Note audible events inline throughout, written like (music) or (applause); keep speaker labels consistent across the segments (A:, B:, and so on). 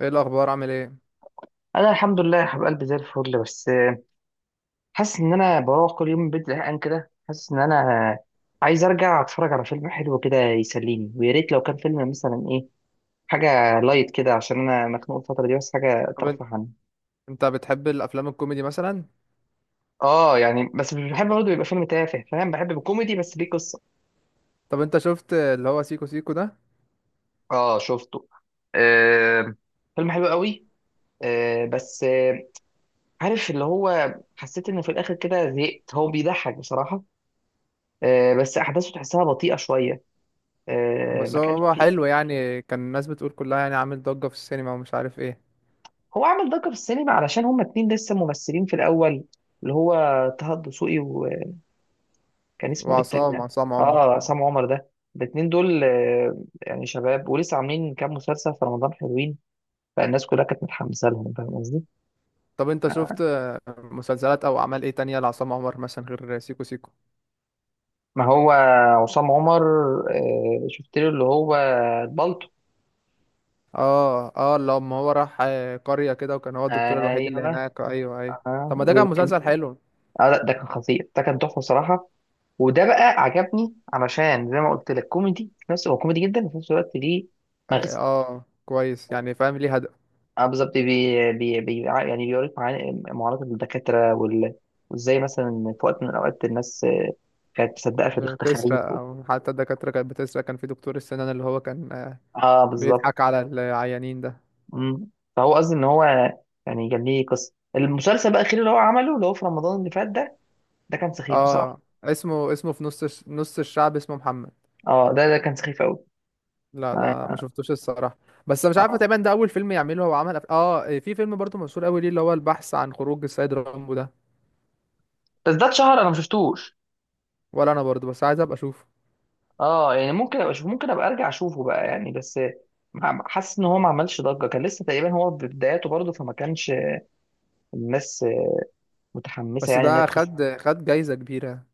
A: ايه الاخبار، عامل ايه؟
B: انا الحمد لله يا حبيب قلبي، زي الفل. بس حاسس ان انا بروح كل يوم من البيت زهقان كده، حاسس ان انا عايز ارجع اتفرج على فيلم حلو كده يسليني، ويا ريت لو كان فيلم مثلا ايه، حاجه لايت كده، عشان انا مخنوق الفتره دي، بس حاجه
A: طب انت
B: ترفه عني.
A: انت بتحب الافلام الكوميدي مثلا؟
B: اه يعني، بس مش بحب برضه يبقى فيلم تافه، فاهم؟ بحب الكوميدي بس ليه قصه.
A: طب انت شفت اللي هو سيكو سيكو ده؟
B: اه، شفته. آه، فيلم حلو قوي. آه، بس عارف اللي هو، حسيت انه في الاخر كده زهقت، هو بيضحك بصراحه. آه، بس احداثه تحسها بطيئه شويه. آه،
A: بس
B: ما كانش
A: هو
B: فيه.
A: حلو يعني، كان الناس بتقول كلها يعني عامل ضجة في السينما ومش عارف ايه.
B: هو عمل ضجة في السينما علشان هما اتنين لسه ممثلين في الأول، اللي هو طه الدسوقي، وكان اسمه ايه التاني
A: وعصام
B: ده؟
A: عصام عمر.
B: اه، عصام عمر، ده الاتنين دول يعني شباب، ولسه عاملين كام مسلسل في رمضان حلوين، فالناس كلها كانت متحمسة لهم، فاهم قصدي؟
A: طب انت شفت مسلسلات او اعمال ايه تانية لعصام عمر مثلا غير سيكو سيكو؟
B: ما هو عصام عمر، شفت له اللي هو البلطو.
A: اه اه، لما هو راح قرية كده وكان هو الدكتور الوحيد اللي
B: ايوه.
A: هناك، ايوه ايوه.
B: اه،
A: طب ما ده كان
B: ده كان
A: مسلسل حلو.
B: آه، لا، ده كان خطير، ده كان تحفة بصراحة. وده بقى عجبني، علشان زي ما قلت لك كوميدي، في نفس، هو كوميدي جدا وفي نفس الوقت ليه
A: اه
B: مغزى.
A: كويس، يعني فاهم ليه هدف.
B: اه بالظبط، بي بي بي يعني بيوريك معاناة الدكاترة وال-، وازاي مثلا في وقت من الأوقات الناس كانت مصدقة في التخاريف.
A: بتسرق او حتى الدكاترة كانت بتسرق، كان في دكتور السنان اللي هو كان
B: اه
A: بيضحك
B: بالظبط.
A: على العيانين ده.
B: مم. فهو قصدي ان هو، يعني كان ليه قصة. المسلسل بقى الأخير اللي هو عمله اللي هو في رمضان اللي فات ده، ده كان سخيف
A: اه،
B: بصراحة.
A: اسمه في نص نص الشعب اسمه محمد.
B: اه، ده كان سخيف قوي.
A: لا ده
B: آه.
A: ما شفتوش الصراحة. بس مش عارفة
B: آه.
A: تقريبا ده أول فيلم يعمله، هو عمل أف... اه في فيلم برضو مشهور أوي ليه اللي هو البحث عن خروج السيد رامبو ده.
B: بس ده اتشهر، انا ما شفتوش.
A: ولا أنا برضو، بس عايز أبقى أشوفه.
B: اه يعني ممكن ابقى اشوف، ممكن ابقى ارجع اشوفه بقى يعني، بس مع-، حاسس ان هو ما عملش ضجه، كان لسه تقريبا هو في بداياته برضه، فما كانش الناس متحمسه
A: بس
B: يعني انها
A: ده
B: تخش.
A: خد جايزة كبيرة.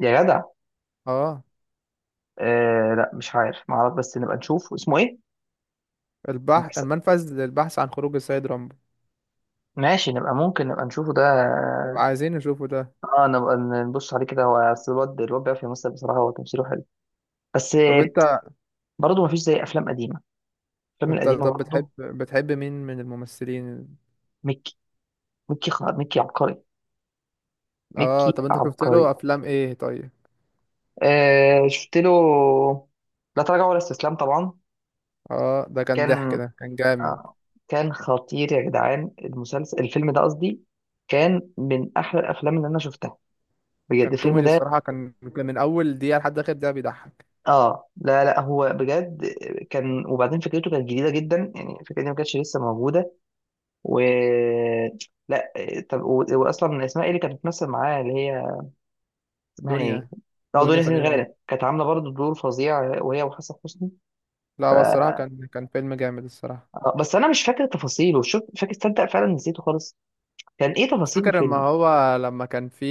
B: يا جدع.
A: اه،
B: آه، لا، مش عارف، ما اعرف، بس نبقى نشوف اسمه ايه.
A: البحث
B: بس-،
A: المنفذ للبحث عن خروج السيد رامبو.
B: ماشي، نبقى، ممكن نبقى نشوفه ده.
A: طب عايزين نشوفه ده.
B: اه، نبقى نبص عليه كده، هو أصل الواد، الواد بيعرف يمثل بصراحه، هو تمثيله حلو. بس
A: طب انت
B: برضه ما فيش زي افلام قديمه، الافلام
A: انت
B: القديمه
A: طب بتحب
B: برضه.
A: بتحب مين من الممثلين؟
B: ميكي، ميكي عبقري.
A: اه،
B: ميكي
A: طب انت شفت له
B: عبقري.
A: افلام ايه طيب؟
B: آه، شفت له لا تراجع ولا استسلام طبعا.
A: اه ده كان ضحك،
B: كان
A: ده كان جامد.
B: آه، كان خطير يا جدعان، المسلسل، الفيلم ده قصدي، كان من احلى الافلام اللي انا شفتها بجد،
A: كان
B: الفيلم
A: كوميدي
B: ده.
A: الصراحة، كان من أول دقيقة لحد آخر دقيقة بيضحك.
B: اه لا لا، هو بجد كان، وبعدين فكرته كانت جديده جدا، يعني الفكره دي ما كانتش لسه موجوده. و لا، طب واصلا اسمها ايه اللي كانت بتمثل معاه، اللي هي اسمها ايه؟
A: دنيا
B: اه،
A: دنيا
B: دنيا سمير
A: سمير غانم.
B: غانم كانت عامله برضه دور فظيع، وهي وحسن حسني.
A: لا هو الصراحة كان فيلم جامد الصراحة.
B: آه، بس انا مش فاكر تفاصيله، شوف فاكر، تصدق فعلا نسيته خالص. كان ايه
A: مش
B: تفاصيل
A: فاكر، لما
B: الفيلم؟
A: هو لما كان في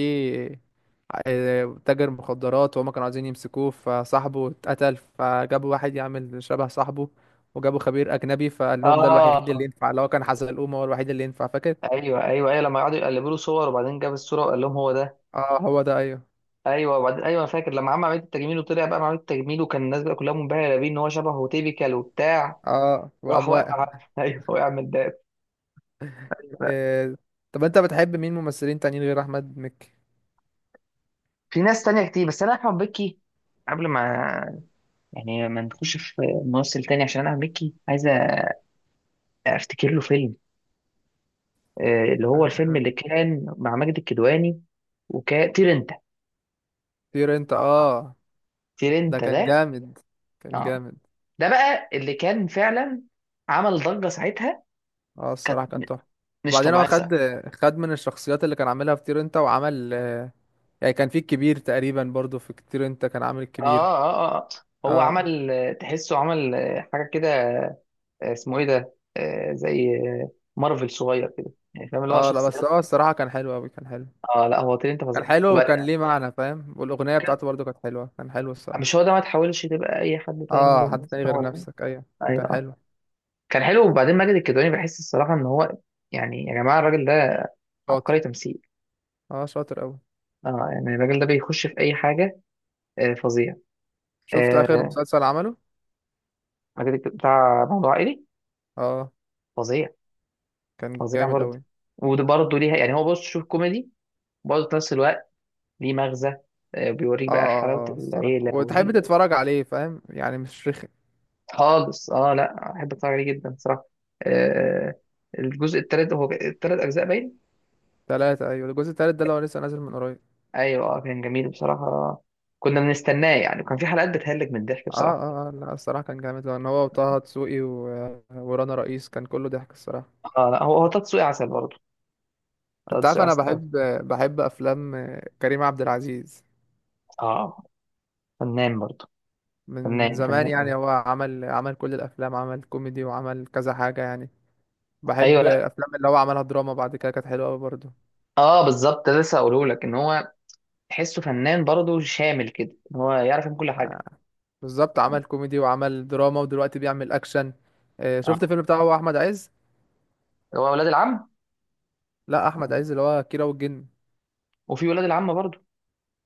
A: تاجر مخدرات، وهما كانوا عايزين يمسكوه، فصاحبه اتقتل، فجابوا واحد يعمل شبه صاحبه، وجابوا خبير أجنبي، فقال لهم ده الوحيد اللي
B: اه
A: ينفع اللي هو كان حزلقوم، هو الوحيد اللي ينفع، فاكر؟
B: ايوه ايوه ايوه، لما قعدوا يقلبوا له صور، وبعدين جاب الصوره وقال لهم هو ده.
A: اه هو ده أيوه.
B: ايوه، وبعدين، ايوه، أنا فاكر لما عمل عمليه التجميل، وطلع بقى عمليه التجميل، وكان الناس بقى كلها منبهره بيه ان هو شبهه تيبيكال وبتاع.
A: اه
B: راح
A: وقام واقع
B: وقع (laughs) ايوه، وقع من ده. أيوة.
A: آه، طب أنت بتحب مين ممثلين تانيين غير أحمد مكي؟
B: في ناس تانية كتير، بس انا احمد مكي، قبل ما، يعني ما نخش في ممثل تاني عشان انا احمد مكي، عايز افتكر له فيلم. اللي هو الفيلم اللي كان مع ماجد الكدواني، وكان طير انت،
A: طير أنت اه. ده
B: ترينتا
A: كان
B: ده.
A: جامد، كان
B: اه،
A: جامد.
B: ده بقى اللي كان فعلا عمل ضجة ساعتها،
A: اه
B: كانت
A: الصراحة كان تحفة.
B: مش
A: وبعدين هو
B: طبيعية ساعتها.
A: خد من الشخصيات اللي كان عاملها في طير انت وعمل. يعني كان في الكبير تقريبا برضو، في طير انت كان عامل
B: اه
A: الكبير.
B: اه اه. آه. هو
A: اه
B: عمل، تحسه عمل، حاجة كده، اسمه ايه ده، زي، مارفل صغير كده، يعني فاهم؟ اللي هو
A: اه، لا بس
B: شخصيات.
A: هو الصراحة كان حلو اوي، كان حلو.
B: اه لا، هو ترينتا
A: كان
B: فظيع،
A: حلو، وكان
B: وبعد-.
A: ليه معنى فاهم، والأغنية
B: كان-
A: بتاعته برضو كانت حلوة، كان حلو
B: مش
A: الصراحة.
B: هو ده، ما تحاولش تبقى اي حد تاني
A: اه،
B: ده،
A: حد
B: بس
A: تاني
B: هو
A: غير
B: ده.
A: نفسك، ايوه.
B: اي
A: كان
B: اه.
A: حلو.
B: كان حلو. وبعدين ماجد الكدواني، بحس الصراحة ان هو يعني، يا جماعة الراجل ده
A: شاطر.
B: عبقري تمثيل.
A: اه شاطر اوي.
B: اه يعني الراجل ده بيخش في اي حاجة، آه، فظيع.
A: شفت آخر
B: آه،
A: مسلسل عمله؟
B: ماجد بتاع موضوع عائلي.
A: اه.
B: فظيع.
A: كان
B: فظيع
A: جامد
B: برضه.
A: اوي.
B: وده برضه ليها، يعني هو برضه شوف كوميدي برضه في نفس الوقت ليه مغزى. بيوريك
A: اه
B: بقى حلاوة
A: الصراحة،
B: العيلة
A: وتحب
B: وال...
A: تتفرج عليه، فاهم يعني، مش رخ.
B: خالص. اه لا، احب اتفرج عليه جدا صراحة. آه، الجزء التالت، هو التلات اجزاء باين.
A: تلاتة، أيوة، الجزء التالت ده اللي هو لسه نازل من قريب.
B: ايوه، كان جميل بصراحة، كنا بنستناه يعني، وكان في حلقات بتهلك من الضحك
A: اه
B: بصراحة.
A: اه اه، لا الصراحة كان جامد، لأن هو وطه دسوقي و... ورانا رئيس كان كله ضحك الصراحة.
B: اه لا، هو طه دسوقي عسل برضه. طه
A: أنت عارف،
B: دسوقي
A: أنا
B: عسل أوي.
A: بحب أفلام كريم عبد العزيز
B: اه، فنان برضه،
A: من
B: فنان
A: زمان.
B: فنان
A: يعني
B: قوي.
A: هو عمل كل الأفلام، عمل كوميدي وعمل كذا حاجة يعني.
B: ايوه
A: بحب
B: لا،
A: الأفلام اللي هو عملها دراما بعد كده، كانت حلوة أوي برضه.
B: اه بالظبط، ده لسه هقوله لك، ان هو تحسه فنان برضه، شامل كده، إن هو يعرف يعمل كل حاجه.
A: بالظبط،
B: يعني.
A: عمل كوميدي وعمل دراما، ودلوقتي بيعمل أكشن.
B: اه،
A: شفت الفيلم بتاعه هو أحمد عز؟
B: هو ولاد العم،
A: لا، أحمد عز اللي هو كيرة والجن.
B: وفي ولاد العم برضه.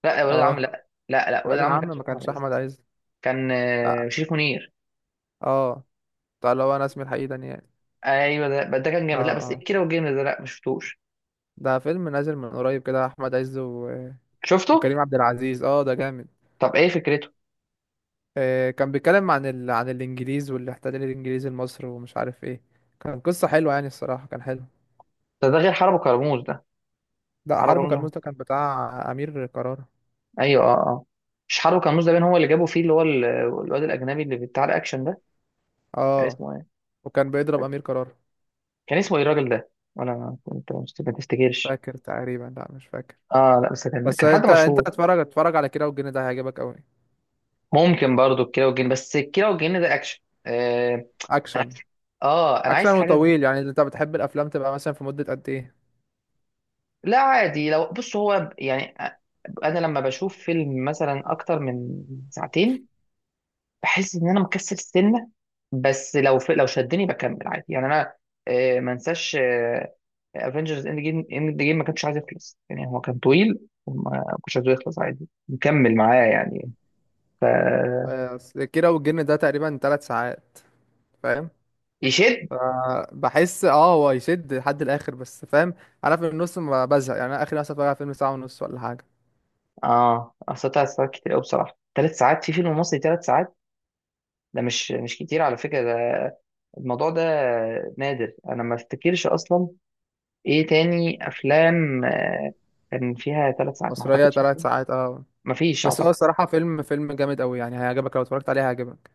B: لا، ولاد العم،
A: اه،
B: لا لا لا، ولاد
A: ولاد
B: العم ما
A: العم
B: كانش
A: ما
B: شريف أحمد
A: كانش
B: عز.
A: أحمد عز.
B: كان
A: لا.
B: شريف منير.
A: اه. بتاع اللي هو انا اسمي الحقيقي دانيال.
B: ايوه ده، بس ده كان
A: اه
B: جامد. لا، بس
A: اه،
B: ايه كده، والجامد ده لا ما شفتوش.
A: ده فيلم نازل من قريب كده، احمد عز و...
B: شفته.
A: وكريم عبد العزيز، اه ده جامد.
B: طب ايه فكرته؟
A: كان بيتكلم عن عن الانجليز والاحتلال الانجليزي لمصر ومش عارف ايه. كان قصة حلوة يعني، الصراحة كان حلو.
B: ده، ده غير حرب كرموز ده.
A: ده
B: حرب
A: حربه كان
B: كرموز،
A: مستر، كان بتاع امير قرار.
B: ايوه اه اه، مش حرب كرموز. ده بين هو اللي جابوا فيه اللي هو الواد الاجنبي اللي بتاع الاكشن ده، كان
A: اه
B: اسمه ايه،
A: وكان بيضرب امير قرار.
B: كان اسمه ايه الراجل ده، ولا ما-، انت ما بتفتكرش؟
A: فاكر تقريبا، لا مش فاكر.
B: اه لا، بس كان
A: بس
B: كان حد
A: انت
B: مشهور.
A: اتفرج على كيرة والجن ده، هيعجبك قوي.
B: ممكن برضو الكيرة والجن، بس الكيرة والجن ده اكشن. آه، انا عايز،
A: اكشن.
B: اه، انا عايز
A: اكشن
B: حاجه زي-.
A: وطويل، يعني انت بتحب الافلام تبقى مثلا في مدة قد ايه؟
B: لا عادي، لو بص، هو يعني، انا لما بشوف فيلم مثلا اكتر من ساعتين، بحس ان انا مكسل السنه، بس لو في...، لو شدني بكمل عادي يعني انا. آه، ما انساش افنجرز اند جيم، ما كانش عايز يخلص، يعني هو كان طويل وما كنتش عايزه يخلص، عادي مكمل معاه يعني. ف،
A: بس كيرة والجن ده تقريبا 3 ساعات، فاهم؟
B: يشد.
A: بحس هو يشد لحد الاخر، بس فاهم، انا في النص ما بزهق يعني، انا اخر مثلا بتفرج على فيلم ساعه ونص ولا حاجه.
B: اه اصل 3 ساعات كتير قوي بصراحه، 3 ساعات في فيلم مصري، 3 ساعات ده مش كتير على فكرة ده، الموضوع ده نادر، انا ما افتكرش اصلا ايه تاني افلام كان فيها 3 ساعات، ما
A: مصريه
B: اعتقدش.
A: 3 ساعات، اه.
B: ما فيش
A: بس هو
B: اعتقد.
A: الصراحه فيلم جامد قوي، يعني هيعجبك لو اتفرجت عليه، هيعجبك.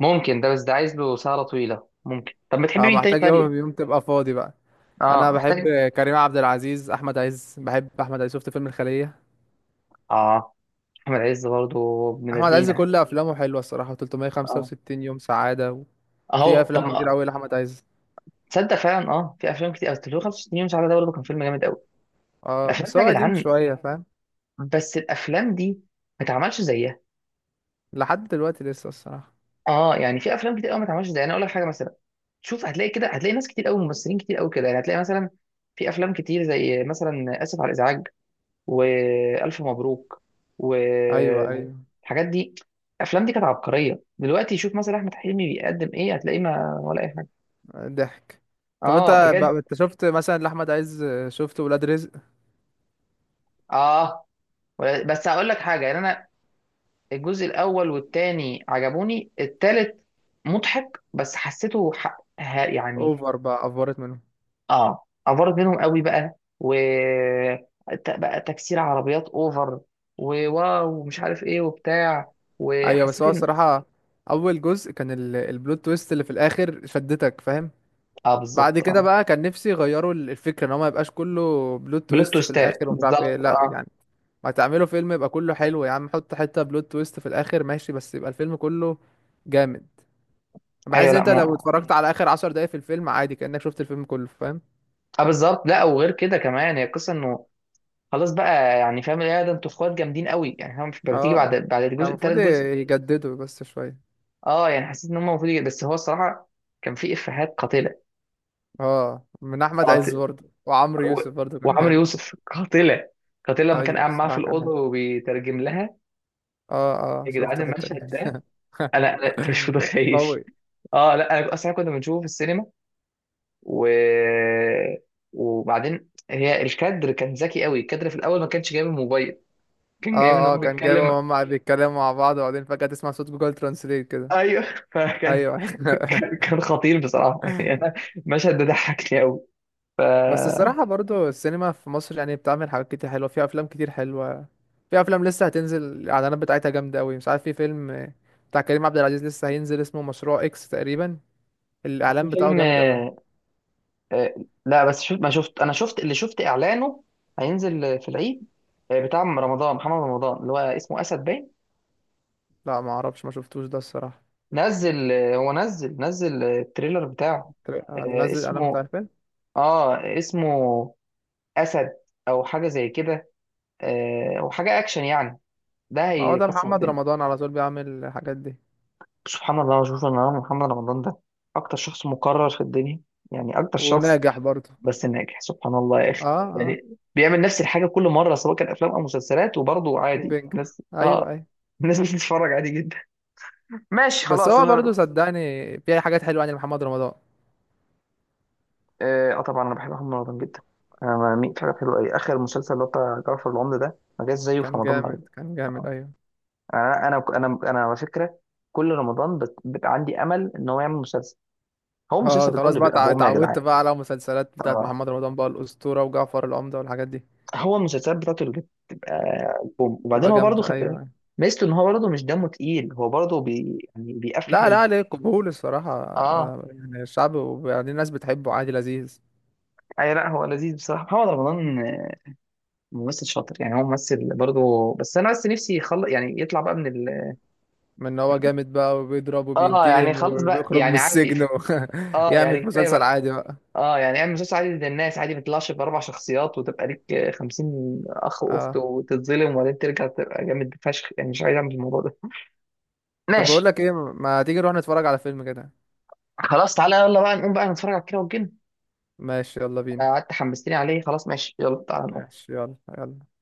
B: ممكن ده، بس ده عايز له سهرة طويلة. ممكن. طب بتحب
A: اه
B: مين تاني
A: محتاج
B: طيب؟
A: يوم تبقى فاضي بقى. انا
B: اه
A: بحب
B: محتاج.
A: كريم عبد العزيز، احمد عز، بحب احمد عز. شفت فيلم الخليه؟
B: اه، احمد عز برضه ابن
A: احمد عز
B: لذينه.
A: كل افلامه حلوه الصراحه،
B: اه
A: 365 يوم سعاده، وفي
B: اهو. طب
A: افلام كتير
B: ما-،
A: قوي لاحمد عز.
B: تصدق فعلا، اه في افلام كتير، أصل 365 يوم سعاده ده برضه كان فيلم جامد قوي.
A: اه
B: الافلام
A: بس
B: دي يا
A: هو قديم
B: جدعان،
A: شويه فاهم.
B: بس الافلام دي ما اتعملش زيها.
A: لحد دلوقتي لسه الصراحه.
B: اه يعني، في افلام كتير قوي ما اتعملش زيها. انا اقول لك حاجه مثلا، شوف هتلاقي كده، هتلاقي ناس كتير قوي، ممثلين كتير قوي كده، يعني هتلاقي مثلا في افلام كتير، زي مثلا اسف على الازعاج، والف مبروك،
A: ايوه ايوه.
B: والحاجات دي، الافلام دي كانت عبقريه. دلوقتي شوف مثلا احمد حلمي بيقدم ايه، هتلاقيه ما، ولا اي حاجه.
A: ضحك. طب
B: اه
A: انت بقى،
B: بجد.
A: انت شفت مثلا لاحمد عز، شفت ولاد رزق؟
B: اه، ولا-، بس هقول لك حاجه، يعني انا الجزء الاول والتاني عجبوني، التالت مضحك بس حسيته ح...، ه-، يعني.
A: اوفر بقى، افورت منهم.
B: اه، افرت منهم قوي بقى، بقى تكسير عربيات اوفر، وواو ومش عارف ايه وبتاع،
A: ايوه، بس
B: وحسيت
A: هو
B: ان.
A: الصراحه اول جزء كان البلوت تويست اللي في الاخر شدتك فاهم.
B: اه
A: بعد
B: بالظبط.
A: كده
B: اه،
A: بقى كان نفسي يغيروا الفكره، ان هو ما يبقاش كله بلوت
B: بلوت
A: تويست في
B: تويستات
A: الاخر ومش عارف ايه،
B: بالظبط،
A: لا
B: اه.
A: يعني. ما تعملوا فيلم يبقى كله حلو يا عم، حط حته بلوت تويست في الاخر ماشي، بس يبقى الفيلم كله جامد،
B: ايوه
A: بحيث
B: لا
A: انت لو
B: ما.
A: اتفرجت على اخر 10 دقايق في الفيلم عادي كانك شفت الفيلم كله فاهم.
B: اه بالظبط. لا، وغير كده كمان، هي القصه انه خلاص بقى، يعني فاهم، يا ده انتوا اخوات جامدين قوي يعني، فاهم، مش بتيجي بعد،
A: اه كان
B: الجزء
A: المفروض
B: الثالث جزء.
A: يجددوا بس شويه.
B: اه يعني حسيت ان هم المفروض يجي-، بس هو الصراحه كان في افيهات قاتله.
A: اه، من احمد عز
B: قاتله.
A: برضه، وعمرو يوسف برضه كان
B: وعمرو
A: جامد.
B: يوسف قاتله. قاتله لما كان
A: ايوه
B: قاعد معاها في
A: الصراحه كان
B: الاوضه
A: حلو.
B: وبيترجم لها.
A: اه اه.
B: يا جدعان
A: شفت الحته دي؟
B: المشهد ده، انا انت مش
A: (laughs)
B: متخيل.
A: قوي.
B: اه لا، انا اصلا كنا بنشوفه في السينما، و وبعدين هي الكادر كان ذكي قوي، الكادر في الاول ما كانش جايب الموبايل، كان جايب ان
A: اه اه
B: هو
A: كان
B: بيتكلم.
A: جايبه، هما بيتكلموا مع بعض، وبعدين فجاه تسمع صوت جوجل ترانسليت كده.
B: ايوه. فكان
A: ايوه
B: (laughs) كان
A: (laughs)
B: كان خطير بصراحه، يعني انا المشهد ده ضحكني قوي. ف،
A: بس الصراحه برضه السينما في مصر يعني بتعمل حاجات كتير حلوه، فيها افلام كتير حلوه. في افلام لسه هتنزل، الاعلانات بتاعتها جامده قوي. مش عارف، في فيلم بتاع كريم عبد العزيز لسه هينزل اسمه مشروع اكس تقريبا، الاعلان بتاعه
B: فيلم،
A: جامد قوي.
B: آه، آه، لا بس شفت، ما شفت، انا شفت اللي شفت اعلانه، هينزل في العيد، بتاع رمضان، محمد رمضان اللي هو اسمه اسد باين.
A: لا ما اعرفش، ما شفتوش ده الصراحه.
B: نزل، هو نزل التريلر بتاعه. آه،
A: لازق علامة،
B: اسمه،
A: عارفين.
B: اه اسمه اسد، او حاجه زي كده، او حاجه اكشن يعني، ده
A: ما هو ده
B: هيكسر
A: محمد
B: الدنيا.
A: رمضان على طول بيعمل الحاجات دي.
B: سبحان الله، شوف ان انا محمد رمضان ده اكتر شخص مكرر في الدنيا، يعني اكتر شخص،
A: وناجح برضه.
B: بس ناجح سبحان الله يا اخي،
A: اه اه،
B: يعني بيعمل نفس الحاجه كل مره، سواء كان افلام او مسلسلات، وبرضه عادي
A: وبينجح،
B: الناس
A: ايوه
B: اه.
A: ايوه.
B: (laughs) الناس بتتفرج عادي جدا، ماشي
A: بس
B: خلاص
A: هو برضه
B: انا.
A: صدقني، في حاجات حلوة يعني محمد رمضان.
B: اه. آه، طبعا انا بحب محمد رمضان جدا، انا بميل في حاجه حلوه قوي. اخر مسلسل اللي هو بتاع جعفر العمدة ده ما جاش زيه في
A: كان
B: رمضان بعد كده.
A: جامد، كان جامد،
B: آه.
A: ايوه.
B: انا على فكره، كل رمضان بت...، بت...، عندي امل ان هو يعمل مسلسل. هو
A: اه
B: مسلسل بتاع
A: خلاص
B: اللي
A: بقى،
B: بيبقى
A: اتع-
B: بوم يا
A: اتعودت
B: جدعان.
A: بقى على مسلسلات بتاعت
B: اه،
A: محمد رمضان بقى، الأسطورة وجعفر العمدة والحاجات دي.
B: هو المسلسلات بتاعته اللي بتبقى بوم، وبعدين
A: تبقى
B: هو برضه،
A: جامدة،
B: خد
A: ايوه،
B: بالك
A: أيوة.
B: ميزته ان هو برضه مش دمه تقيل، هو برضه بي...، يعني بيقفل
A: لا لا،
B: حلو.
A: عليه قبول الصراحة،
B: اه،
A: يعني الشعب، وبعدين الناس بتحبه عادي، لذيذ.
B: اي لا، هو لذيذ بصراحه محمد رمضان. ممثل شاطر يعني، هو ممثل برضه، بس انا بس نفسي يخلص يعني، يطلع بقى من ال...،
A: من ان هو جامد بقى وبيضرب
B: اه يعني
A: وبينتقم
B: خلاص بقى،
A: وبيخرج من
B: يعني عادي،
A: السجن
B: ف-،
A: و... (laughs)
B: اه يعني
A: يعمل
B: كفايه
A: مسلسل
B: بقى.
A: عادي بقى.
B: اه يعني اعمل مسلسل عادي للناس عادي، ما تطلعش باربع شخصيات وتبقى ليك 50 اخ واخت،
A: اه
B: وتتظلم وبعدين ترجع تبقى جامد فشخ، يعني مش عايز اعمل الموضوع ده (laughs)
A: طب، بقول
B: ماشي.
A: لك ايه، ما تيجي نروح نتفرج على فيلم كده؟
B: خلاص تعالى يلا بقى نقوم بقى نتفرج على كيرة والجن.
A: ماشي يلا
B: آه،
A: بينا.
B: قعدت حمستني عليه، خلاص ماشي يلا تعالى نقوم.
A: ماشي يلا يلا.